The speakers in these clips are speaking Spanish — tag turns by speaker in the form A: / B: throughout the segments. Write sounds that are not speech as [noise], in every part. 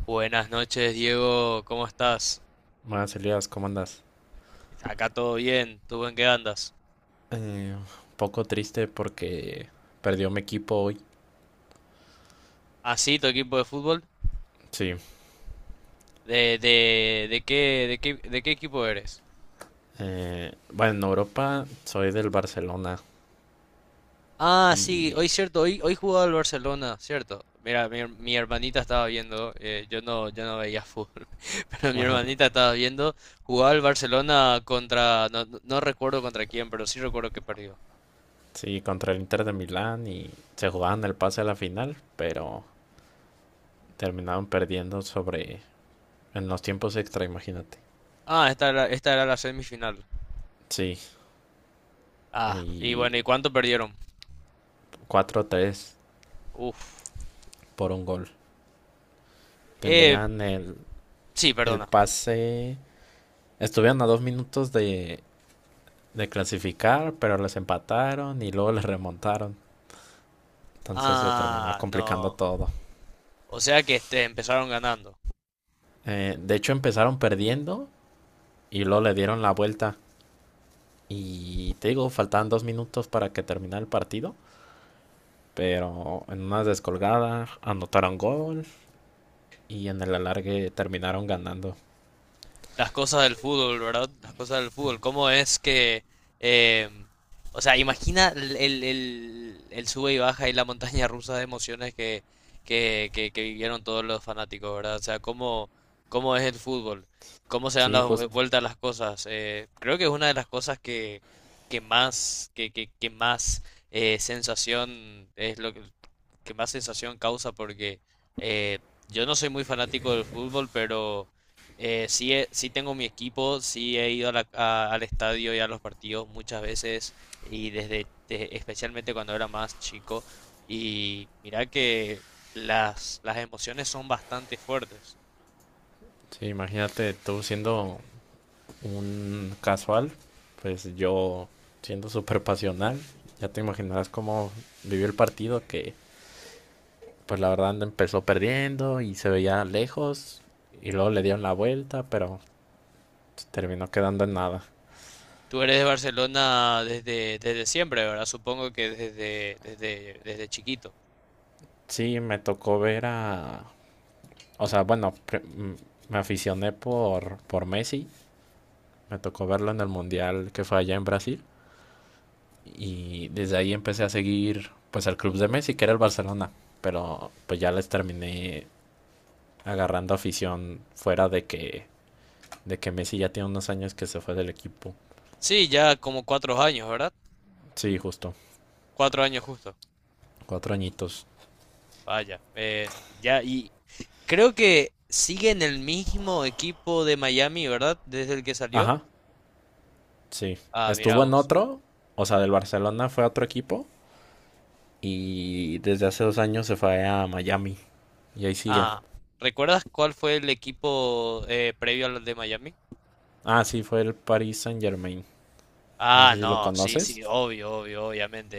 A: Buenas noches, Diego, ¿cómo estás?
B: Buenas, Elías, ¿cómo andas?
A: Acá todo bien, ¿tú en qué andas?
B: Un poco triste porque perdió mi equipo hoy.
A: ¿Ah, sí, tu equipo de fútbol?
B: Sí.
A: ¿De, de qué equipo eres?
B: Bueno, en Europa soy del Barcelona
A: Ah, sí, hoy
B: y...
A: cierto, hoy jugaba el Barcelona, cierto. Mira, mi hermanita estaba viendo, yo no veía fútbol, [laughs] pero mi
B: Ajá.
A: hermanita estaba viendo, jugaba el Barcelona contra, no recuerdo contra quién, pero sí recuerdo que perdió.
B: Sí, contra el Inter de Milán y se jugaban el pase a la final, pero terminaron perdiendo sobre... en los tiempos extra, imagínate.
A: Ah, esta era la semifinal.
B: Sí,
A: Ah, y
B: y
A: bueno, ¿y cuánto perdieron?
B: 4-3
A: Uf.
B: por un gol.
A: Eh,
B: Tenían el,
A: sí,
B: el
A: perdona.
B: pase... Estuvieron a 2 minutos de clasificar, pero les empataron y luego les remontaron. Entonces se terminó
A: Ah,
B: complicando
A: no.
B: todo.
A: O sea que este, empezaron ganando.
B: De hecho empezaron perdiendo y luego le dieron la vuelta. Y te digo, faltaban 2 minutos para que terminara el partido. Pero en una descolgada anotaron gol y en el alargue terminaron ganando.
A: Las cosas del fútbol, ¿verdad? Las cosas del fútbol. ¿Cómo es que... em, o sea, imagina el, el sube y baja y la montaña rusa de emociones que vivieron todos los fanáticos, ¿verdad? O sea, ¿cómo, cómo es el fútbol? ¿Cómo se dan
B: Sí,
A: las
B: justo.
A: vueltas las cosas? Creo que es una de las cosas que más sensación es lo que más sensación causa porque eh, yo no soy muy fanático del fútbol, pero sí, sí tengo mi equipo, sí he ido a al estadio y a los partidos muchas veces y desde especialmente cuando era más chico y mira que las emociones son bastante fuertes.
B: Sí, imagínate tú siendo un casual, pues yo siendo súper pasional, ya te imaginarás cómo vivió el partido que pues la verdad empezó perdiendo y se veía lejos y luego le dieron la vuelta, pero terminó quedando en nada.
A: Tú eres de Barcelona desde, desde siempre, ¿verdad? Supongo que desde chiquito.
B: Sí, me tocó ver a... O sea, bueno, me aficioné por Messi, me tocó verlo en el Mundial que fue allá en Brasil y desde ahí empecé a seguir pues al club de Messi, que era el Barcelona, pero pues ya les terminé agarrando afición fuera de que Messi ya tiene unos años que se fue del equipo.
A: Sí, ya como 4 años, ¿verdad?
B: Sí, justo,
A: 4 años justo.
B: 4 añitos.
A: Vaya. Ya, y, Creo que sigue en el mismo equipo de Miami, ¿verdad? Desde el que salió.
B: Ajá. Sí.
A: Ah, mira
B: Estuvo en
A: vos.
B: otro, o sea, del Barcelona fue a otro equipo y desde hace 2 años se fue a Miami y ahí sigue.
A: Ah, ¿recuerdas cuál fue el equipo previo al de Miami?
B: Ah, sí, fue el Paris Saint-Germain. No
A: Ah,
B: sé si lo
A: no, sí, sí,
B: conoces.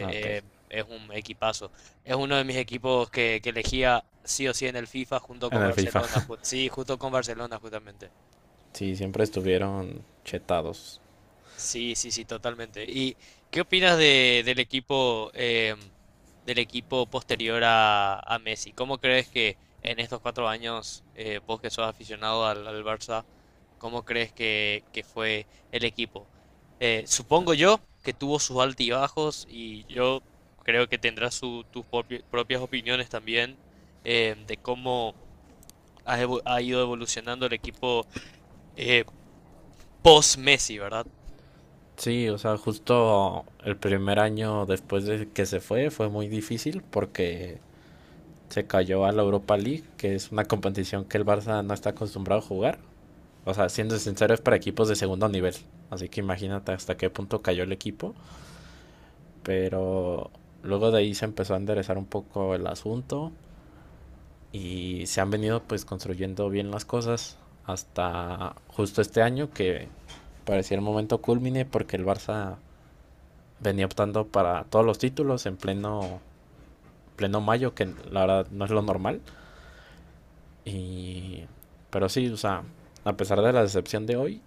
B: Ah, ok.
A: Es un equipazo. Es uno de mis equipos que elegía sí o sí en el FIFA junto
B: En
A: con
B: el FIFA.
A: Barcelona.
B: [laughs]
A: Sí, justo con Barcelona, justamente.
B: Sí, siempre estuvieron chetados.
A: Sí, sí, sí, totalmente. ¿Y qué opinas de, del equipo del equipo posterior a Messi? ¿Cómo crees que en estos 4 años, vos que sos aficionado al, al Barça, cómo crees que fue el equipo? Supongo yo que tuvo sus altibajos y yo creo que tendrás propias opiniones también de cómo ha, ha ido evolucionando el equipo eh, post-Messi, ¿verdad?
B: Sí, o sea, justo el primer año después de que se fue fue muy difícil porque se cayó a la Europa League, que es una competición que el Barça no está acostumbrado a jugar. O sea, siendo sincero, es para equipos de segundo nivel. Así que imagínate hasta qué punto cayó el equipo. Pero luego de ahí se empezó a enderezar un poco el asunto. Y se han venido pues construyendo bien las cosas. Hasta justo este año que parecía el momento culmine porque el Barça venía optando para todos los títulos en pleno, pleno mayo, que la verdad no es lo normal. Y, pero sí, o sea, a pesar de la decepción de hoy,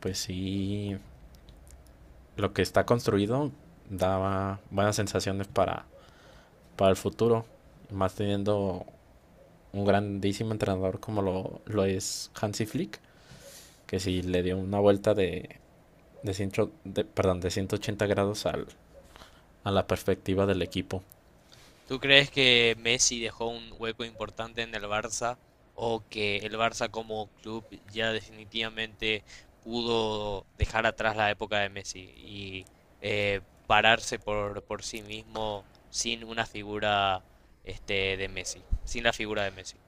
B: pues sí lo que está construido daba buenas sensaciones para el futuro. Más teniendo un grandísimo entrenador como lo es Hansi Flick, que sí le dio una vuelta de 180 grados a la perspectiva del equipo.
A: ¿Tú crees que Messi dejó un hueco importante en el Barça o que el Barça como club ya definitivamente pudo dejar atrás la época de Messi y pararse por sí mismo sin una figura este, de Messi, sin la figura de Messi?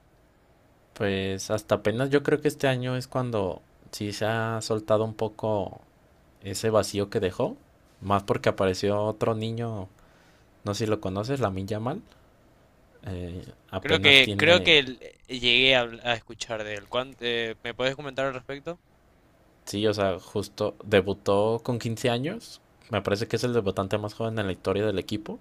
B: Pues hasta apenas yo creo que este año es cuando sí se ha soltado un poco ese vacío que dejó. Más porque apareció otro niño, no sé si lo conoces, la Milla Mal. Eh,
A: Creo
B: Apenas
A: que creo
B: tiene...
A: que llegué a escuchar de él. Me puedes comentar al respecto?
B: Sí, o sea, justo debutó con 15 años. Me parece que es el debutante más joven en la historia del equipo.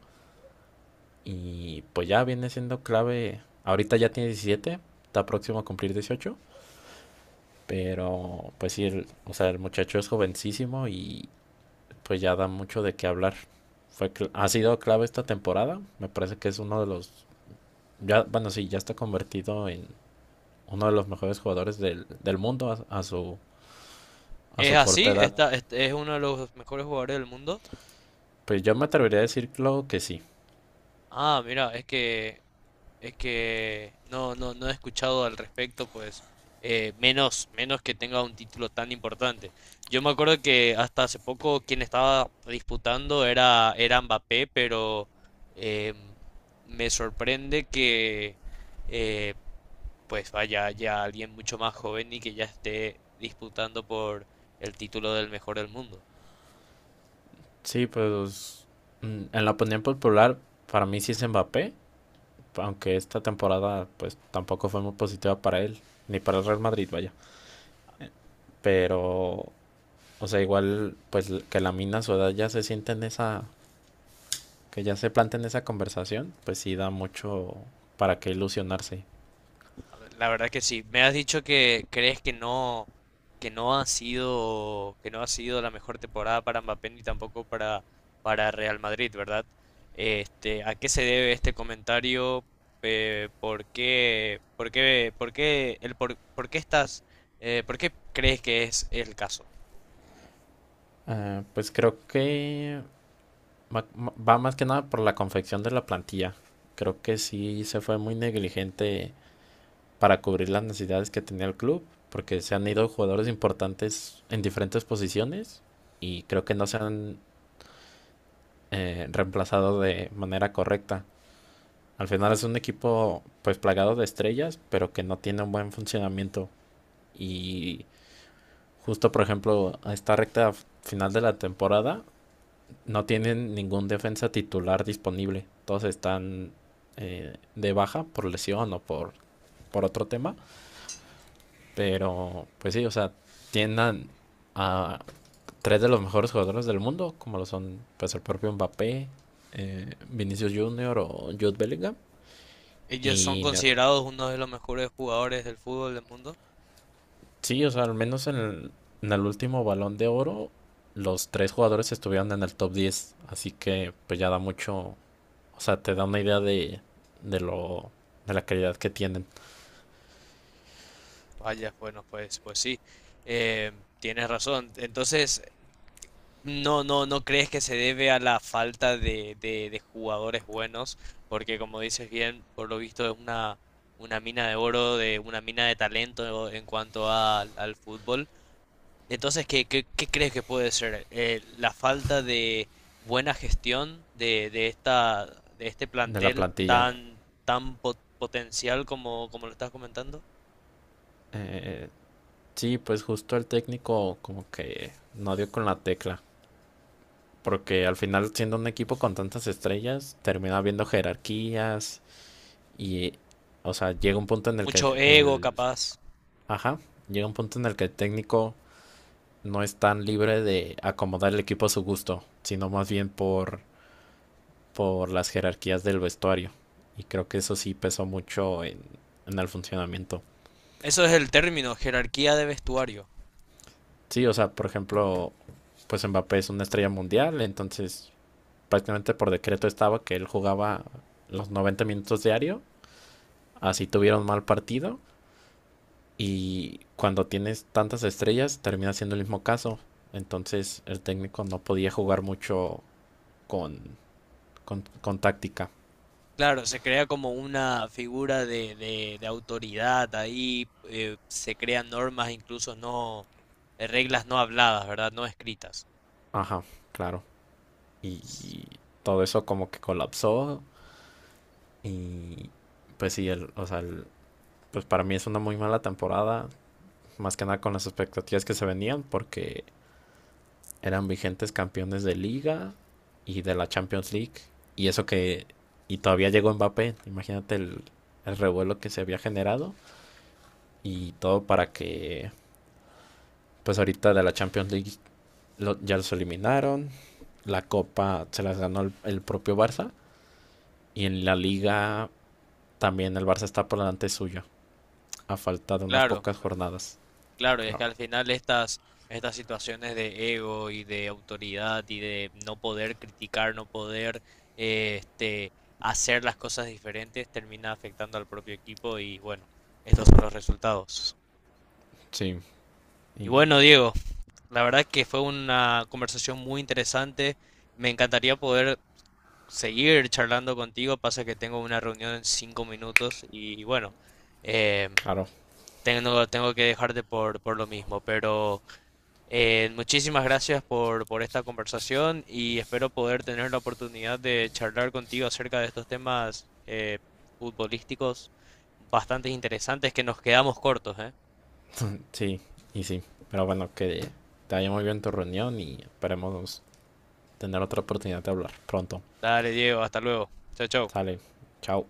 B: Y pues ya viene siendo clave. Ahorita ya tiene 17, está próximo a cumplir 18. Pero pues sí, el, o sea, el muchacho es jovencísimo y pues ya da mucho de qué hablar. Fue, ha sido clave esta temporada. Me parece que es uno de los. Ya, bueno, sí, ya está convertido en uno de los mejores jugadores del mundo a, a su, a
A: ¿Es
B: su
A: sí, así?
B: corta
A: Por
B: edad.
A: Supuesto. Este- es uno de los mejores jugadores del mundo?
B: Pues yo me atrevería a decirlo que sí.
A: Ah, mira, es que es que no, no he escuchado al respecto, pues menos, menos que tenga un título tan importante. Yo me acuerdo que hasta hace poco quien estaba disputando era, era Mbappé, pero eh, me sorprende que eh, pues vaya ya alguien mucho más joven y que ya esté disputando por el título del mejor del mundo.
B: Sí, pues en la opinión popular, para mí sí es Mbappé, aunque esta temporada pues tampoco fue muy positiva para él, ni para el Real Madrid, vaya. Pero, o sea, igual pues que la mina a su edad ya se siente en esa, que ya se plantea en esa conversación, pues sí da mucho para qué ilusionarse.
A: La verdad que sí. Me has dicho que crees que no ha sido, que no ha sido la mejor temporada para Mbappé ni tampoco para, para Real Madrid, ¿verdad? Este, ¿a qué se debe este comentario? Por qué estás, por qué crees que es el caso?
B: Pues creo que ma- va más que nada por la confección de la plantilla. Creo que sí se fue muy negligente para cubrir las necesidades que tenía el club, porque se han ido jugadores importantes en diferentes posiciones y creo que no se han reemplazado de manera correcta. Al final es un equipo pues plagado de estrellas, pero que no tiene un buen funcionamiento y justo por ejemplo a esta recta final de la temporada no tienen ningún defensa titular disponible. Todos están de baja por lesión o por otro tema. Pero, pues sí, o sea, tiendan a tres de los mejores jugadores del mundo, como lo son pues el propio Mbappé, Vinicius Junior o Jude Bellingham.
A: Ellos son
B: Y
A: considerados uno de los mejores jugadores del fútbol del mundo.
B: sí, o sea, al menos en el último Balón de Oro, los tres jugadores estuvieron en el top 10. Así que pues ya da mucho, o sea, te da una idea de, de lo, de la calidad que tienen,
A: Vaya, bueno, pues, pues sí, eh, tienes razón. Entonces, no, no, no crees que se debe a la falta de, de jugadores buenos, porque como dices bien, por lo visto es una mina de oro, de una mina de talento en cuanto al fútbol. Entonces, ¿qué, qué crees que puede ser? ¿La falta de buena gestión de esta, de este
B: de la
A: plantel
B: plantilla.
A: tan, tan potencial como, como lo estás comentando?
B: Eh, sí, pues justo el técnico como que no dio con la tecla. Porque al final, siendo un equipo con tantas estrellas, termina habiendo jerarquías y, o sea, llega un punto en el que
A: Mucho ego,
B: el,
A: capaz.
B: ajá, llega un punto en el que el técnico no es tan libre de acomodar el equipo a su gusto, sino más bien por las jerarquías del vestuario. Y creo que eso sí pesó mucho en el funcionamiento.
A: Eso es el término, jerarquía de vestuario.
B: Sí, o sea, por ejemplo, pues Mbappé es una estrella mundial, entonces prácticamente por decreto estaba que él jugaba los 90 minutos diario así tuvieron mal partido y cuando tienes tantas estrellas termina siendo el mismo caso. Entonces el técnico no podía jugar mucho con, con táctica.
A: Claro, se crea como una figura de, de autoridad ahí, se crean normas incluso no, reglas no habladas, ¿verdad? No escritas.
B: Ajá, claro.
A: S-
B: Y todo eso como que colapsó y pues sí, el, o sea, el- pues para mí es una muy mala temporada, más que nada con las expectativas que se venían porque eran vigentes campeones de liga y de la Champions League. Y eso que... Y todavía llegó Mbappé. Imagínate el revuelo que se había generado. Y todo para que... Pues ahorita de la Champions League ya los eliminaron. La copa se las ganó el propio Barça. Y en la liga también el Barça está por delante suyo. A falta de unas
A: claro,
B: pocas jornadas.
A: claro, y es que
B: Claro.
A: al final estas, estas situaciones de ego y de autoridad y de no poder criticar, no poder eh, este, hacer las cosas diferentes, termina afectando al propio equipo y bueno, estos son los resultados.
B: Sí.
A: Y
B: Y
A: bueno, Diego. La verdad que fue una conversación muy interesante. Me encantaría poder seguir charlando contigo. Pasa que tengo una reunión en 5 minutos y bueno, eh,
B: claro.
A: tengo que dejarte por lo mismo. Pero muchísimas gracias por esta conversación y espero poder tener la oportunidad de charlar contigo acerca de estos temas futbolísticos bastante interesantes que nos quedamos cortos, ¿eh?
B: Sí, y sí. Pero bueno, que te vaya muy bien tu reunión y esperemos tener otra oportunidad de hablar pronto.
A: Dale, Diego, hasta luego. Chao, chao.
B: Sale, chao.